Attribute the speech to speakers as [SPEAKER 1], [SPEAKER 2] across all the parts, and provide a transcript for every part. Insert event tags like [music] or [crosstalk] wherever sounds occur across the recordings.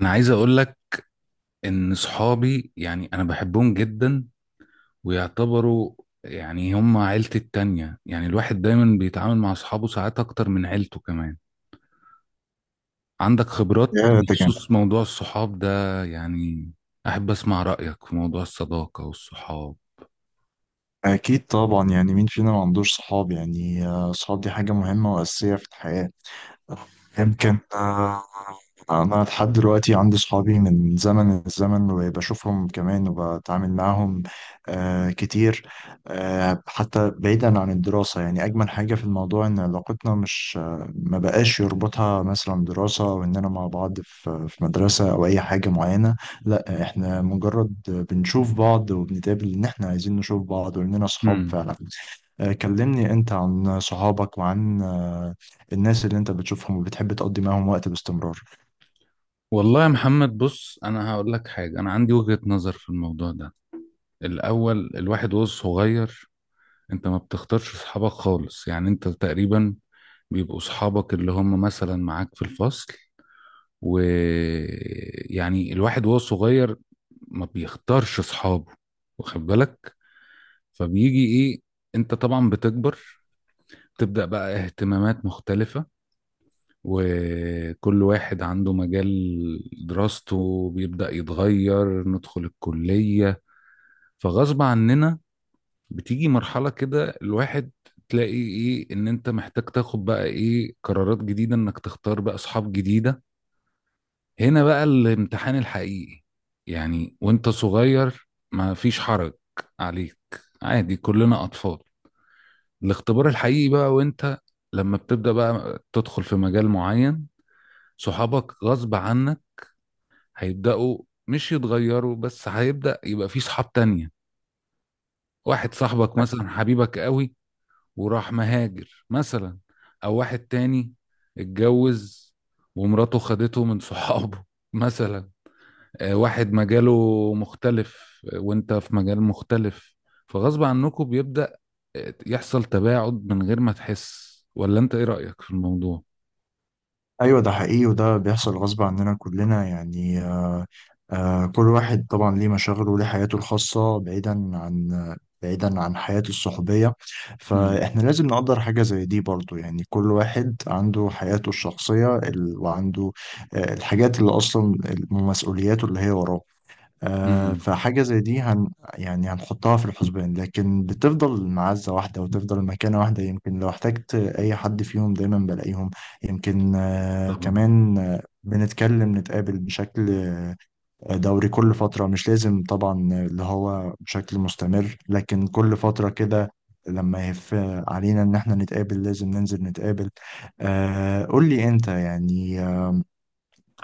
[SPEAKER 1] انا عايز اقول لك ان صحابي، يعني انا بحبهم جدا، ويعتبروا يعني هم عيلتي التانية. يعني الواحد دايما بيتعامل مع اصحابه ساعات اكتر من عيلته كمان. عندك خبرات
[SPEAKER 2] يا ده كان
[SPEAKER 1] بخصوص موضوع الصحاب ده؟ يعني احب اسمع رأيك في موضوع الصداقة والصحاب.
[SPEAKER 2] أكيد طبعا، يعني مين فينا ما عندوش صحاب؟ يعني صحاب دي حاجة مهمة وأساسية في الحياة. يمكن أنا لحد دلوقتي عندي صحابي من زمن الزمن، وبشوفهم كمان وبتعامل معاهم كتير. حتى بعيدا عن الدراسة، يعني أجمل حاجة في الموضوع إن علاقتنا مش ما بقاش يربطها مثلا دراسة، وإننا مع بعض في مدرسة أو أي حاجة معينة. لا، إحنا مجرد بنشوف بعض وبنتقابل إن إحنا عايزين نشوف بعض وإننا صحاب
[SPEAKER 1] امم.
[SPEAKER 2] فعلا. كلمني انت عن صحابك وعن الناس اللي انت بتشوفهم وبتحب تقضي معاهم وقت باستمرار.
[SPEAKER 1] والله يا محمد بص، انا هقول لك حاجة، انا عندي وجهة نظر في الموضوع ده. الاول الواحد وهو صغير انت ما بتختارش صحابك خالص، يعني انت تقريبا بيبقوا صحابك اللي هم مثلا معاك في الفصل. ويعني الواحد وهو صغير ما بيختارش صحابه، واخد بالك؟ فبيجي ايه، انت طبعا بتكبر، تبدأ بقى اهتمامات مختلفة، وكل واحد عنده مجال، دراسته بيبدأ يتغير، ندخل الكلية، فغصب عننا بتيجي مرحلة كده الواحد تلاقي ايه ان انت محتاج تاخد بقى ايه قرارات جديدة انك تختار بقى اصحاب جديدة. هنا بقى الامتحان الحقيقي. يعني وانت صغير ما فيش حرج عليك، عادي كلنا اطفال. الاختبار الحقيقي بقى وانت لما بتبدأ بقى تدخل في مجال معين، صحابك غصب عنك هيبدأوا مش يتغيروا بس، هيبدأ يبقى في صحاب تانية. واحد صاحبك مثلا حبيبك قوي وراح مهاجر مثلا، او واحد تاني اتجوز ومراته خدته من صحابه [laughs] مثلا، واحد مجاله مختلف وانت في مجال مختلف، فغصب عنكم بيبدأ يحصل تباعد من غير ما تحس. ولا انت ايه رأيك في الموضوع؟
[SPEAKER 2] ايوه، ده حقيقي وده بيحصل غصب عننا كلنا، يعني كل واحد طبعا ليه مشاغله وليه حياته الخاصة بعيدا عن حياته الصحوبية.
[SPEAKER 1] امم.
[SPEAKER 2] فاحنا لازم نقدر حاجة زي دي برضو، يعني كل واحد عنده حياته الشخصية وعنده الحاجات اللي اصلا مسؤولياته اللي هي وراه.
[SPEAKER 1] امم.
[SPEAKER 2] فحاجة زي دي يعني هنحطها في الحسبان، لكن بتفضل معزة واحدة وتفضل مكانة واحدة. يمكن لو احتجت أي حد فيهم دايما بلاقيهم. يمكن
[SPEAKER 1] طبعا.
[SPEAKER 2] كمان بنتكلم نتقابل بشكل دوري كل فترة، مش لازم طبعا اللي هو بشكل مستمر، لكن كل فترة كده لما يهف علينا إن احنا نتقابل لازم ننزل نتقابل. قول لي أنت، يعني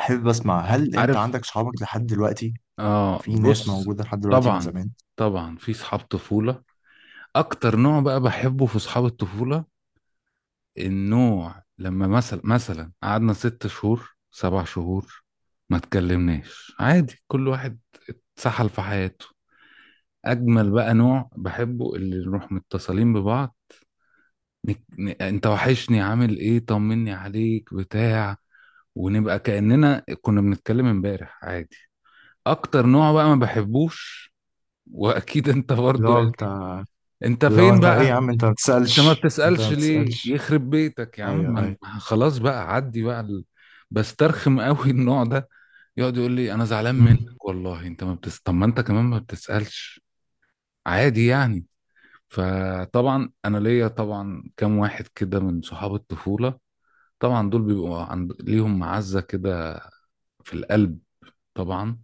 [SPEAKER 2] أحب أسمع، هل أنت
[SPEAKER 1] عارف.
[SPEAKER 2] عندك صحابك لحد دلوقتي؟
[SPEAKER 1] اه،
[SPEAKER 2] في ناس
[SPEAKER 1] بص.
[SPEAKER 2] موجودة لحد دلوقتي من
[SPEAKER 1] طبعا،
[SPEAKER 2] زمان.
[SPEAKER 1] طبعا في صحاب طفولة. اكتر نوع بقى بحبه في صحاب الطفولة، النوع لما مثلا قعدنا ست شهور سبع شهور ما تكلمناش، عادي كل واحد سحل في حياته. اجمل بقى نوع بحبه اللي نروح متصلين ببعض، انت وحشني، عامل ايه، طمني عليك بتاع، ونبقى كأننا كنا بنتكلم امبارح عادي. اكتر نوع بقى ما بحبوش، واكيد انت
[SPEAKER 2] اللي
[SPEAKER 1] برضو
[SPEAKER 2] هو
[SPEAKER 1] يعني.
[SPEAKER 2] بتاع،
[SPEAKER 1] انت
[SPEAKER 2] اللي هو
[SPEAKER 1] فين
[SPEAKER 2] انت ايه يا
[SPEAKER 1] بقى؟
[SPEAKER 2] عم، انت ما
[SPEAKER 1] انت ما
[SPEAKER 2] بتسألش، انت
[SPEAKER 1] بتسألش
[SPEAKER 2] ما
[SPEAKER 1] ليه
[SPEAKER 2] بتسألش.
[SPEAKER 1] يخرب بيتك يا عم
[SPEAKER 2] ايوه ايوه.
[SPEAKER 1] خلاص بقى عدي بقى بسترخم قوي النوع ده، يقعد يقول لي انا زعلان منك
[SPEAKER 2] امم.
[SPEAKER 1] والله انت ما بتس... طب ما انت كمان ما بتسألش، عادي يعني. فطبعا انا ليا طبعا كام واحد كده من صحاب الطفوله، طبعا دول ليهم معزه كده في القلب، طبعا.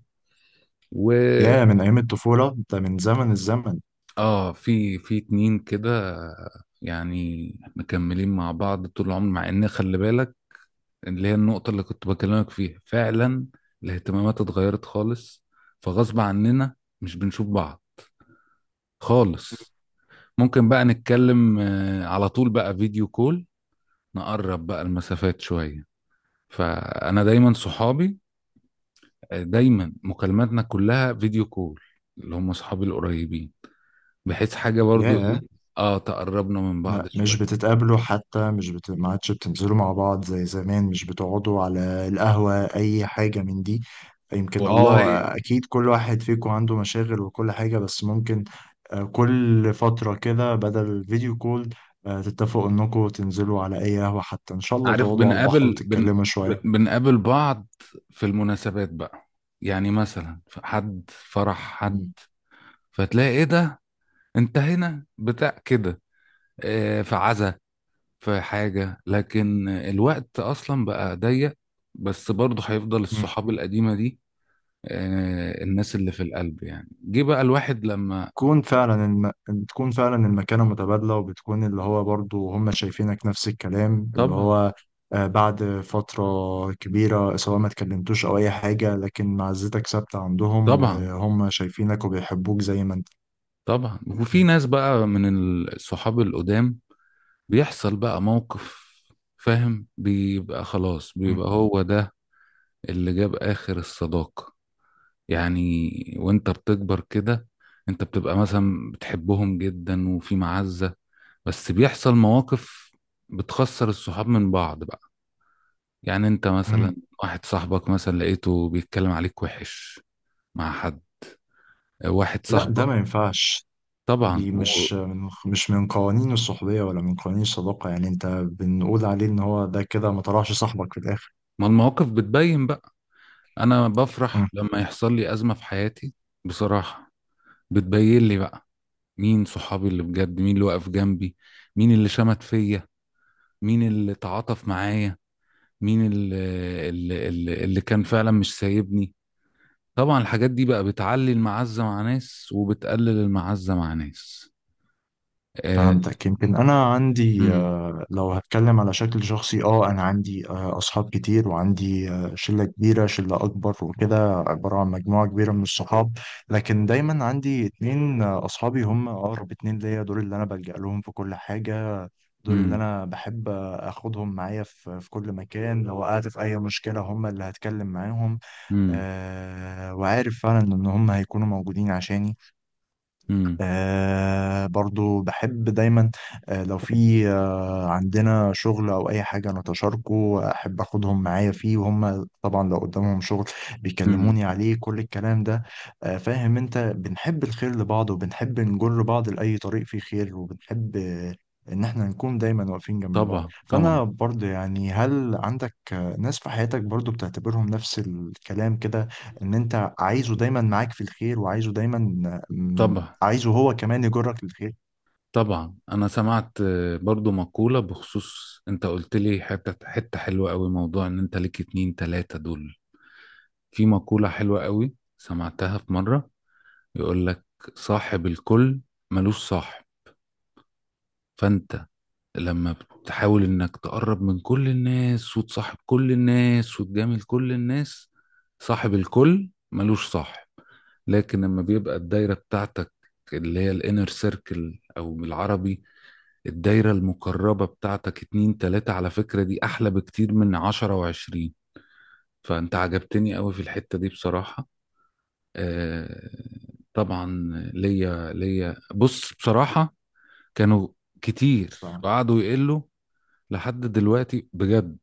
[SPEAKER 1] و
[SPEAKER 2] يا من ايام الطفولة، انت من زمن الزمن.
[SPEAKER 1] اه في اتنين كده يعني مكملين مع بعض طول العمر، مع ان خلي بالك، اللي هي النقطه اللي كنت بكلمك فيها فعلا، الاهتمامات اتغيرت خالص فغصب عننا مش بنشوف بعض خالص. ممكن بقى نتكلم على طول بقى فيديو كول، نقرب بقى المسافات شويه. فانا دايما صحابي، دايما مكالماتنا كلها فيديو كول، اللي هم صحابي القريبين، بحيث حاجه برضو
[SPEAKER 2] يا
[SPEAKER 1] ايه، اه تقربنا من
[SPEAKER 2] ما-
[SPEAKER 1] بعض
[SPEAKER 2] مش
[SPEAKER 1] شويه.
[SPEAKER 2] بتتقابلوا حتى؟ مش بت... ما عادش بتنزلوا مع بعض زي زمان؟ مش بتقعدوا على القهوة أي حاجة من دي؟ يمكن
[SPEAKER 1] والله
[SPEAKER 2] أكيد كل واحد فيكم عنده مشاغل وكل حاجة، بس ممكن كل فترة كده بدل فيديو كول تتفقوا إنكم تنزلوا على أي قهوة، حتى إن شاء الله
[SPEAKER 1] عارف،
[SPEAKER 2] تقعدوا على البحر وتتكلموا شوية.
[SPEAKER 1] بنقابل بعض في المناسبات بقى، يعني مثلا في حد فرح حد، فتلاقي ايه ده، انت هنا بتاع كده، في عزا في حاجه، لكن الوقت اصلا بقى ضيق، بس برضه هيفضل
[SPEAKER 2] مم.
[SPEAKER 1] الصحاب القديمه دي، الناس اللي في القلب، يعني جه بقى الواحد لما.
[SPEAKER 2] تكون فعلا بتكون فعلا المكانة متبادلة، وبتكون اللي هو برضو هم شايفينك نفس الكلام اللي
[SPEAKER 1] طبعا،
[SPEAKER 2] هو بعد فترة كبيرة، سواء ما اتكلمتوش أو أي حاجة، لكن معزتك ثابتة عندهم
[SPEAKER 1] طبعا،
[SPEAKER 2] وهم شايفينك وبيحبوك زي ما أنت.
[SPEAKER 1] طبعا، وفي ناس بقى من الصحاب القدام بيحصل بقى موقف فاهم، بيبقى خلاص
[SPEAKER 2] مم.
[SPEAKER 1] بيبقى هو ده اللي جاب آخر الصداقة، يعني وانت بتكبر كده انت بتبقى مثلا بتحبهم جدا وفي معزة، بس بيحصل مواقف بتخسر الصحاب من بعض بقى. يعني انت
[SPEAKER 2] مم.
[SPEAKER 1] مثلا واحد صاحبك مثلا لقيته بيتكلم عليك وحش مع حد، واحد
[SPEAKER 2] لا، ده
[SPEAKER 1] صاحبك
[SPEAKER 2] ما ينفعش.
[SPEAKER 1] طبعا
[SPEAKER 2] دي
[SPEAKER 1] و...
[SPEAKER 2] مش من قوانين الصحبية ولا من قوانين الصداقة، يعني أنت بنقول عليه إن هو ده كده ما طلعش صاحبك في الآخر.
[SPEAKER 1] ما المواقف بتبين بقى. انا بفرح لما يحصل لي ازمه في حياتي بصراحه، بتبين لي بقى مين صحابي اللي بجد، مين اللي واقف جنبي، مين اللي شمت فيا، مين اللي تعاطف معايا، مين اللي كان فعلا مش سايبني. طبعا الحاجات دي بقى بتعلي المعزه مع ناس وبتقلل المعزه مع ناس. آه...
[SPEAKER 2] فهمتك. يمكن انا عندي
[SPEAKER 1] مم.
[SPEAKER 2] لو هتكلم على شكل شخصي، انا عندي اصحاب كتير، وعندي شله كبيره، شله اكبر وكده، عباره عن مجموعه كبيره من الصحاب. لكن دايما عندي اتنين اصحابي هم اقرب اتنين ليا، دول اللي انا بلجأ لهم في كل حاجه. دول اللي
[SPEAKER 1] مم.
[SPEAKER 2] انا بحب اخدهم معايا في كل مكان، لو وقعت في اي مشكله هم اللي هتكلم معاهم.
[SPEAKER 1] مم.
[SPEAKER 2] وعارف فعلا ان هم هيكونوا موجودين عشاني.
[SPEAKER 1] مم.
[SPEAKER 2] برضو بحب دايما لو في عندنا شغل او اي حاجه انا تشاركه، احب اخدهم معايا فيه، وهم طبعا لو قدامهم شغل
[SPEAKER 1] مم.
[SPEAKER 2] بيكلموني عليه كل الكلام ده. فاهم انت، بنحب الخير لبعض وبنحب نجر بعض لاي طريق فيه خير، وبنحب ان احنا نكون دايما واقفين جنب بعض.
[SPEAKER 1] طبعا، طبعا،
[SPEAKER 2] فانا برضه يعني، هل عندك ناس في حياتك برضه بتعتبرهم نفس الكلام كده، ان انت عايزه دايما معاك في الخير، وعايزه دايما آه، م-
[SPEAKER 1] طبعا،
[SPEAKER 2] عايزه هو كمان يجرك للخير؟
[SPEAKER 1] طبعا، انا سمعت برضو مقولة بخصوص انت قلت لي حتة حتة حلوة قوي، موضوع ان انت ليك اتنين تلاتة دول. في مقولة حلوة قوي سمعتها في مرة، يقول لك صاحب الكل ملوش صاحب. فانت لما بتحاول انك تقرب من كل الناس وتصاحب كل الناس وتجامل كل الناس، صاحب الكل ملوش صاحب. لكن لما بيبقى الدايرة بتاعتك اللي هي الانر سيركل او بالعربي الدايرة المقربة بتاعتك اتنين تلاتة، على فكرة دي أحلى بكتير من عشرة وعشرين. فأنت عجبتني قوي في الحتة دي بصراحة. آه، طبعا. ليا بص بصراحة، كانوا كتير
[SPEAKER 2] طبعا
[SPEAKER 1] وقعدوا يقلوا لحد دلوقتي بجد،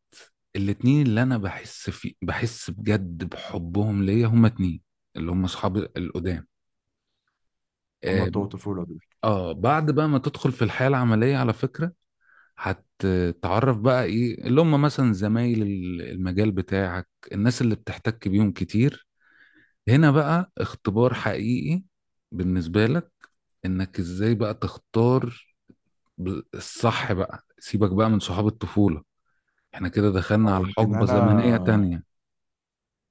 [SPEAKER 1] الاتنين اللي أنا بحس، في بحس بجد بحبهم ليا هما اتنين، اللي هما أصحابي القدام.
[SPEAKER 2] هما
[SPEAKER 1] آه,
[SPEAKER 2] بتوع الطفوله دول؟
[SPEAKER 1] بعد بقى ما تدخل في الحياة العملية على فكرة هتتعرف بقى ايه اللي هم مثلا زمايل المجال بتاعك، الناس اللي بتحتك بيهم كتير، هنا بقى اختبار حقيقي بالنسبة لك، انك ازاي بقى تختار الصح بقى. سيبك بقى من صحاب الطفولة، احنا كده دخلنا
[SPEAKER 2] اه
[SPEAKER 1] على
[SPEAKER 2] يمكن
[SPEAKER 1] حقبة
[SPEAKER 2] انا
[SPEAKER 1] زمنية تانية.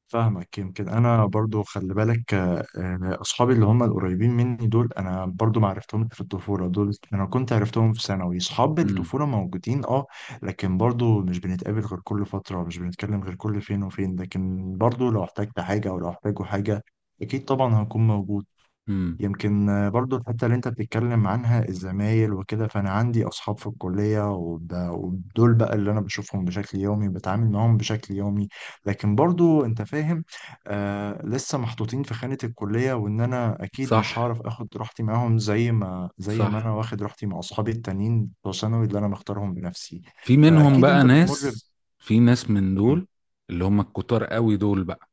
[SPEAKER 2] فاهمك. يمكن انا برضو خلي بالك اصحابي اللي هم القريبين مني دول انا برضو ما عرفتهم في الطفوله، دول انا كنت عرفتهم في ثانوي. اصحاب
[SPEAKER 1] امم.
[SPEAKER 2] الطفوله موجودين لكن برضو مش بنتقابل غير كل فتره، مش بنتكلم غير كل فين وفين، لكن برضو لو احتجت حاجه او لو احتاجوا حاجه اكيد طبعا هكون موجود.
[SPEAKER 1] امم.
[SPEAKER 2] يمكن برضو الحتة اللي انت بتتكلم عنها الزمايل وكده، فانا عندي اصحاب في الكلية ودول بقى اللي انا بشوفهم بشكل يومي بتعامل معاهم بشكل يومي. لكن برضو انت فاهم، لسه محطوطين في خانة الكلية، وان انا اكيد مش
[SPEAKER 1] صح،
[SPEAKER 2] هعرف اخد راحتي معاهم زي ما انا
[SPEAKER 1] صح.
[SPEAKER 2] واخد راحتي مع اصحابي التانيين بتوع ثانوي اللي انا مختارهم بنفسي.
[SPEAKER 1] في منهم
[SPEAKER 2] فاكيد
[SPEAKER 1] بقى
[SPEAKER 2] انت بتمر.
[SPEAKER 1] ناس، في ناس من دول اللي هم الكتار قوي دول بقى،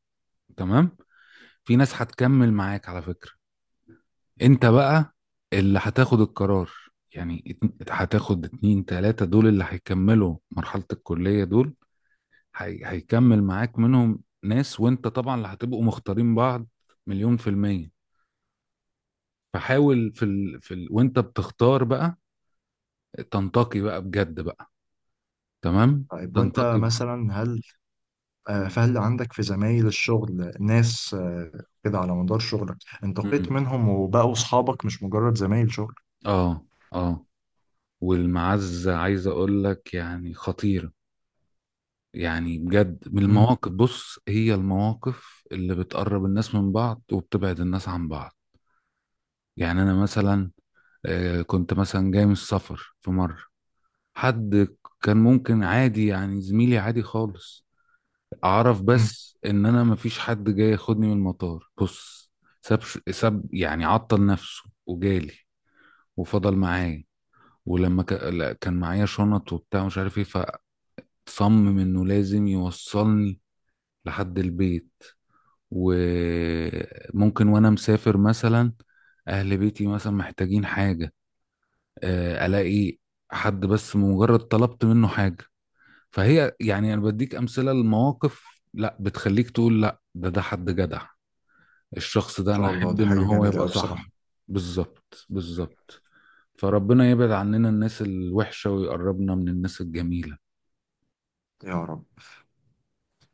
[SPEAKER 1] تمام، في ناس هتكمل معاك على فكرة، انت بقى اللي هتاخد القرار، يعني هتاخد اتنين تلاتة دول اللي هيكملوا مرحلة الكلية دول، هيكمل معاك منهم ناس، وانت طبعا اللي هتبقوا مختارين بعض مليون في المية. فحاول وانت بتختار بقى تنتقي بقى بجد بقى، تمام،
[SPEAKER 2] طيب وانت
[SPEAKER 1] تنتقي ب...
[SPEAKER 2] مثلا، هل آه، فهل عندك في زمايل الشغل ناس كده على مدار شغلك انتقيت
[SPEAKER 1] مم.
[SPEAKER 2] منهم وبقوا أصحابك مش مجرد زمايل شغل؟
[SPEAKER 1] اه، اه، والمعزة عايز اقول لك يعني خطيرة. يعني بجد من
[SPEAKER 2] مم.
[SPEAKER 1] المواقف بص، هي المواقف اللي بتقرب الناس من بعض وبتبعد الناس عن بعض. يعني انا مثلا كنت مثلا جاي من السفر في مرة، حد كان ممكن عادي يعني زميلي عادي خالص، اعرف
[SPEAKER 2] مم. إن
[SPEAKER 1] بس ان انا مفيش حد جاي ياخدني من المطار، بص ساب ساب يعني عطل نفسه وجالي وفضل معايا، ولما لا، كان معايا شنط وبتاع مش عارف ايه، فصمم انه لازم يوصلني لحد البيت. وممكن وانا مسافر مثلا اهل بيتي مثلا محتاجين حاجة، الاقي حد بس مجرد طلبت منه حاجة. فهي يعني انا بديك امثلة لمواقف لا بتخليك تقول لا ده حد جدع، الشخص ده انا
[SPEAKER 2] شاء الله
[SPEAKER 1] احب
[SPEAKER 2] دي
[SPEAKER 1] ان
[SPEAKER 2] حاجة
[SPEAKER 1] هو
[SPEAKER 2] جميلة
[SPEAKER 1] يبقى
[SPEAKER 2] أوي
[SPEAKER 1] صاحبي.
[SPEAKER 2] بصراحة.
[SPEAKER 1] بالظبط، بالظبط. فربنا يبعد عننا الناس الوحشة ويقربنا من الناس الجميلة.
[SPEAKER 2] يا رب.